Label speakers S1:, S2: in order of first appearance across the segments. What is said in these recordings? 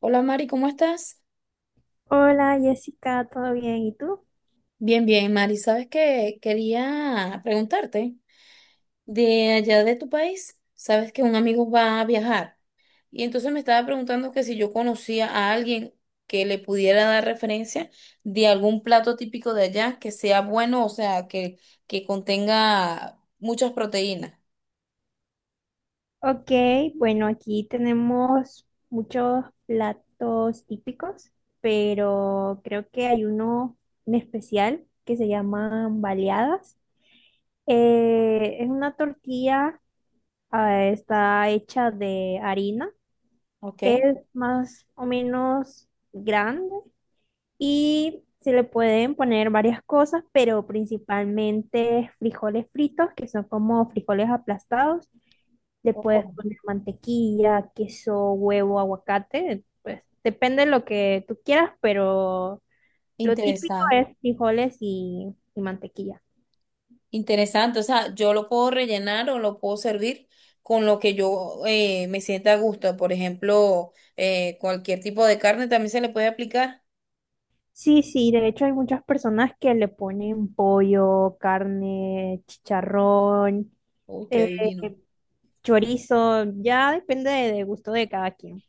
S1: Hola Mari, ¿cómo estás?
S2: Hola Jessica, ¿todo bien? ¿Y tú?
S1: Bien, bien, Mari. ¿Sabes qué? Quería preguntarte de allá de tu país. Sabes que un amigo va a viajar y entonces me estaba preguntando que si yo conocía a alguien que le pudiera dar referencia de algún plato típico de allá que sea bueno, o sea, que contenga muchas proteínas.
S2: Ok, bueno, aquí tenemos muchos platos típicos, pero creo que hay uno en especial que se llaman baleadas. Es una tortilla, está hecha de harina,
S1: Ok.
S2: es más o menos grande y se le pueden poner varias cosas, pero principalmente frijoles fritos, que son como frijoles aplastados. Le puedes
S1: Oh,
S2: poner mantequilla, queso, huevo, aguacate, pues depende de lo que tú quieras, pero lo típico
S1: interesante.
S2: es frijoles y mantequilla.
S1: Interesante, o sea, yo lo puedo rellenar o lo puedo servir con lo que yo me sienta a gusto. Por ejemplo, cualquier tipo de carne también se le puede aplicar.
S2: Sí, sí, de hecho hay muchas personas que le ponen pollo, carne, chicharrón,
S1: Uy, qué
S2: eh,
S1: divino.
S2: chorizo, ya depende de gusto de cada quien.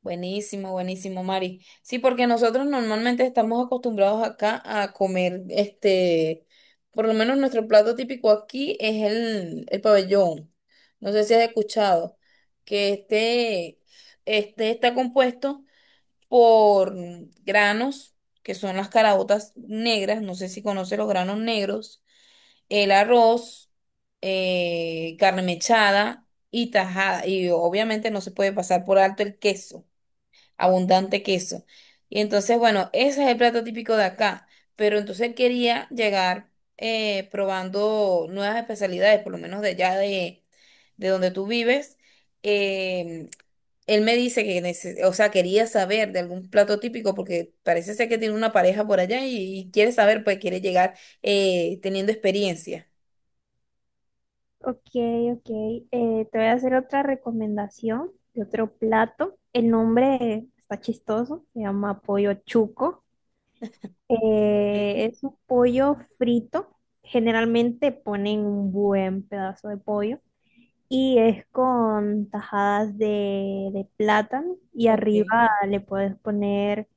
S1: Buenísimo, buenísimo, Mari. Sí, porque nosotros normalmente estamos acostumbrados acá a comer, por lo menos nuestro plato típico aquí es el pabellón. No sé si has escuchado que este está compuesto por granos, que son las caraotas negras, no sé si conoce los granos negros, el arroz, carne mechada y tajada. Y obviamente no se puede pasar por alto el queso, abundante queso. Y entonces, bueno, ese es el plato típico de acá. Pero entonces él quería llegar probando nuevas especialidades, por lo menos de allá de donde tú vives. Em, Él me dice que, o sea, quería saber de algún plato típico porque parece ser que tiene una pareja por allá y quiere saber, pues quiere llegar teniendo experiencia.
S2: Ok, ok. Te voy a hacer otra recomendación de otro plato. El nombre está chistoso, se llama pollo chuco. Es un pollo frito. Generalmente ponen un buen pedazo de pollo, y es con tajadas de plátano, y
S1: Ok.
S2: arriba le puedes poner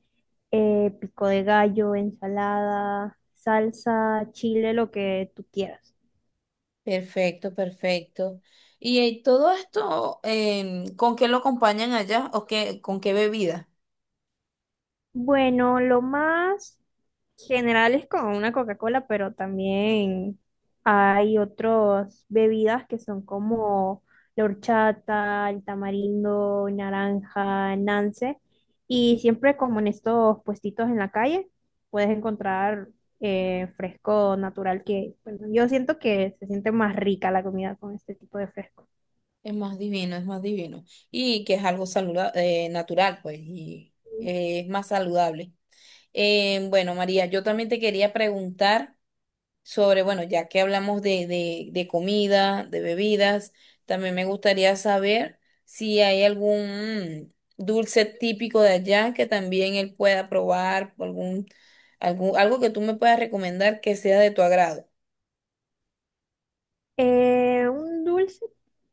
S2: pico de gallo, ensalada, salsa, chile, lo que tú quieras.
S1: Perfecto, perfecto. Y todo esto, ¿con qué lo acompañan allá o qué, con qué bebida?
S2: Bueno, lo más generales con una Coca-Cola, pero también hay otras bebidas que son como la horchata, el tamarindo, naranja, nance. Y siempre como en estos puestitos en la calle, puedes encontrar fresco natural que, bueno, yo siento que se siente más rica la comida con este tipo de fresco.
S1: Es más divino, es más divino. Y que es algo natural, pues, y es más saludable. Bueno, María, yo también te quería preguntar sobre, bueno, ya que hablamos de comida, de bebidas, también me gustaría saber si hay algún dulce típico de allá que también él pueda probar, algún, algo que tú me puedas recomendar que sea de tu agrado.
S2: Un dulce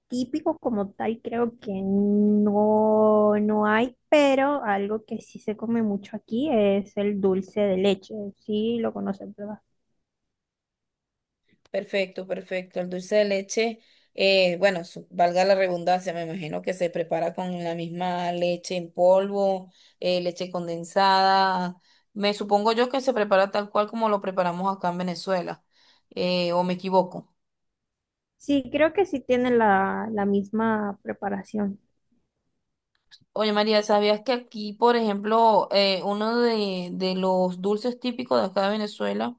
S2: típico como tal creo que no, no hay, pero algo que sí se come mucho aquí es el dulce de leche. Sí, lo conocen, ¿verdad?
S1: Perfecto, perfecto. El dulce de leche, bueno, valga la redundancia, me imagino que se prepara con la misma leche en polvo, leche condensada. Me supongo yo que se prepara tal cual como lo preparamos acá en Venezuela, o me equivoco.
S2: Sí, creo que sí tiene la misma preparación.
S1: Oye, María, ¿sabías que aquí, por ejemplo, uno de los dulces típicos de acá de Venezuela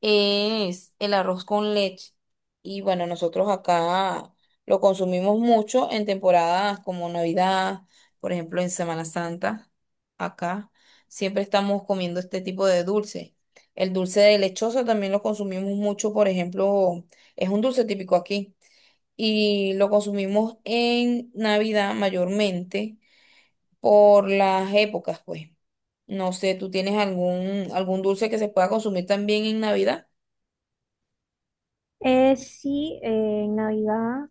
S1: es el arroz con leche? Y bueno, nosotros acá lo consumimos mucho en temporadas como Navidad, por ejemplo, en Semana Santa, acá siempre estamos comiendo este tipo de dulce. El dulce de lechosa también lo consumimos mucho, por ejemplo, es un dulce típico aquí y lo consumimos en Navidad mayormente por las épocas, pues. No sé, ¿tú tienes algún dulce que se pueda consumir también en Navidad?
S2: Sí, en Navidad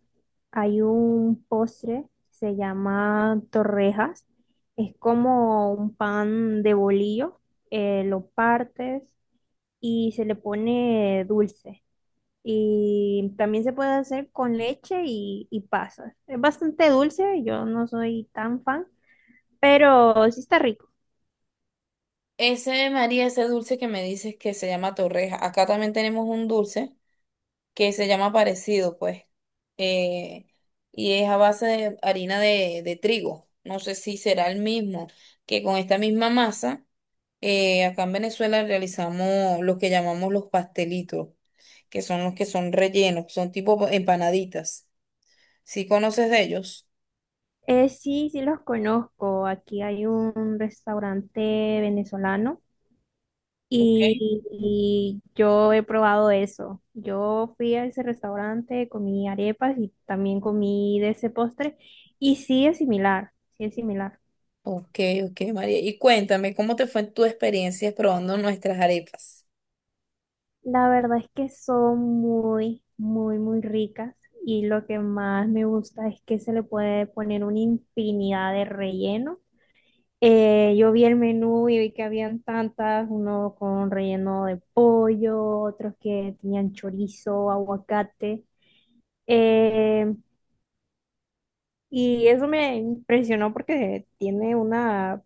S2: hay un postre, se llama torrejas. Es como un pan de bolillo, lo partes y se le pone dulce. Y también se puede hacer con leche y pasas. Es bastante dulce, yo no soy tan fan, pero sí está rico.
S1: Ese, María, ese dulce que me dices que se llama torreja. Acá también tenemos un dulce que se llama parecido, pues. Eh, y es a base de harina de trigo. No sé si será el mismo, que con esta misma masa, acá en Venezuela realizamos lo que llamamos los pastelitos, que son los que son rellenos, son tipo empanaditas. ¿Sí conoces de ellos?
S2: Sí, sí los conozco. Aquí hay un restaurante venezolano
S1: Ok.
S2: y yo he probado eso. Yo fui a ese restaurante, comí arepas y también comí de ese postre y sí es similar, sí es similar.
S1: Ok, ok, María. Y cuéntame, ¿cómo te fue tu experiencia probando nuestras arepas?
S2: La verdad es que son muy, muy, muy ricas, y lo que más me gusta es que se le puede poner una infinidad de relleno. Yo vi el menú y vi que habían tantas, uno con relleno de pollo, otros que tenían chorizo, aguacate. eh, y eso me impresionó porque tiene una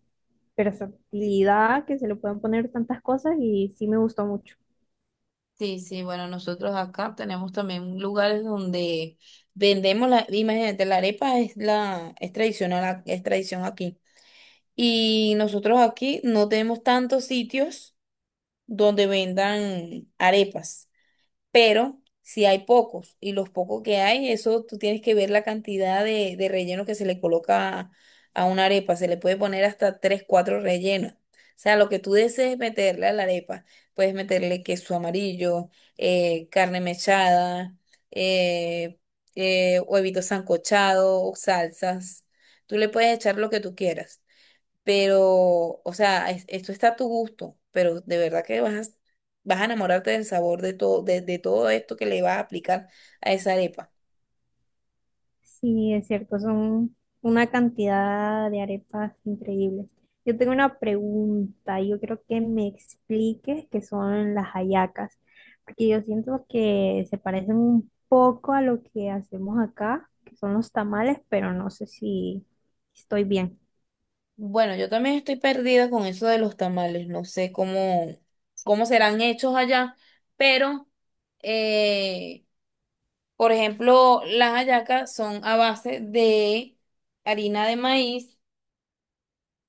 S2: versatilidad que se le pueden poner tantas cosas, y sí me gustó mucho.
S1: Sí, sí, bueno, nosotros acá tenemos también lugares donde vendemos la, imagínate, la arepa es la, es tradicional, es tradición aquí. Y nosotros aquí no tenemos tantos sitios donde vendan arepas, pero si hay pocos y los pocos que hay, eso tú tienes que ver la cantidad de relleno que se le coloca a una arepa. Se le puede poner hasta tres, cuatro rellenos. O sea, lo que tú desees meterle a la arepa, puedes meterle queso amarillo, carne mechada, eh, huevitos sancochados, salsas. Tú le puedes echar lo que tú quieras. Pero, o sea, esto está a tu gusto, pero de verdad que vas a enamorarte del sabor de todo, de todo esto que le vas a aplicar a esa arepa.
S2: Sí, es cierto, son una cantidad de arepas increíbles. Yo tengo una pregunta, yo creo que me expliques qué son las hallacas, porque yo siento que se parecen un poco a lo que hacemos acá, que son los tamales, pero no sé si estoy bien.
S1: Bueno, yo también estoy perdida con eso de los tamales, no sé cómo, cómo serán hechos allá, pero, eh, por ejemplo, las hallacas son a base de harina de maíz,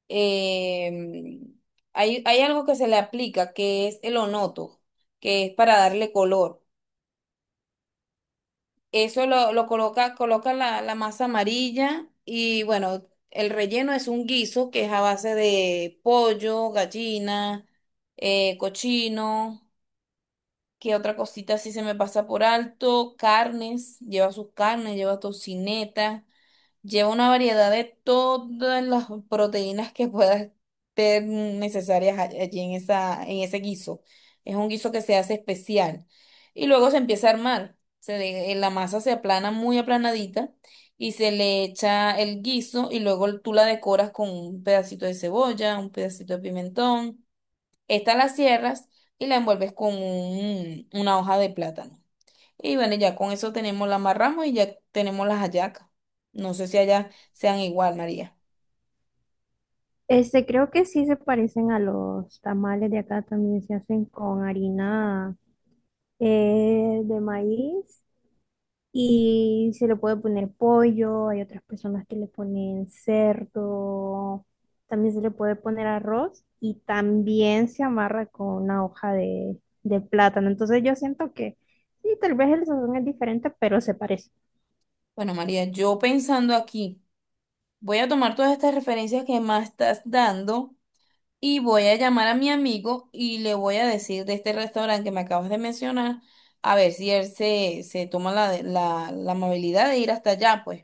S1: eh, hay algo que se le aplica que es el onoto, que es para darle color. Eso lo coloca, coloca la masa amarilla y bueno, el relleno es un guiso que es a base de pollo, gallina, cochino, que otra cosita así se me pasa por alto, carnes, lleva sus carnes, lleva tocineta. Lleva una variedad de todas las proteínas que puedan ser necesarias allí en esa, en ese guiso. Es un guiso que se hace especial. Y luego se empieza a armar. La masa se aplana muy aplanadita y se le echa el guiso y luego tú la decoras con un pedacito de cebolla, un pedacito de pimentón. Esta la cierras y la envuelves con una hoja de plátano. Y bueno, ya con eso tenemos la marrama y ya tenemos las hallacas. No sé si allá sean igual, María.
S2: Este, creo que sí se parecen a los tamales de acá, también se hacen con harina de maíz. Y se le puede poner pollo, hay otras personas que le ponen cerdo, también se le puede poner arroz, y también se amarra con una hoja de plátano. Entonces yo siento que sí, tal vez el sazón es diferente, pero se parece.
S1: Bueno, María, yo pensando aquí, voy a tomar todas estas referencias que más estás dando y voy a llamar a mi amigo y le voy a decir de este restaurante que me acabas de mencionar, a ver si él se toma la amabilidad de ir hasta allá, pues.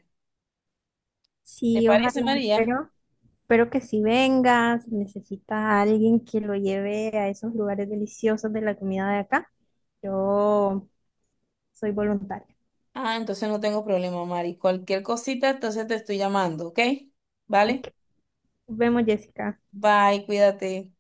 S1: ¿Te
S2: Sí, ojalá,
S1: parece, María?
S2: espero, espero que si vengas, si necesitas a alguien que lo lleve a esos lugares deliciosos de la comida de acá, yo soy voluntaria.
S1: Ah, entonces no tengo problema, Mari. Cualquier cosita, entonces te estoy llamando, ¿ok? ¿Vale?
S2: Ok, nos vemos, Jessica.
S1: Bye, cuídate.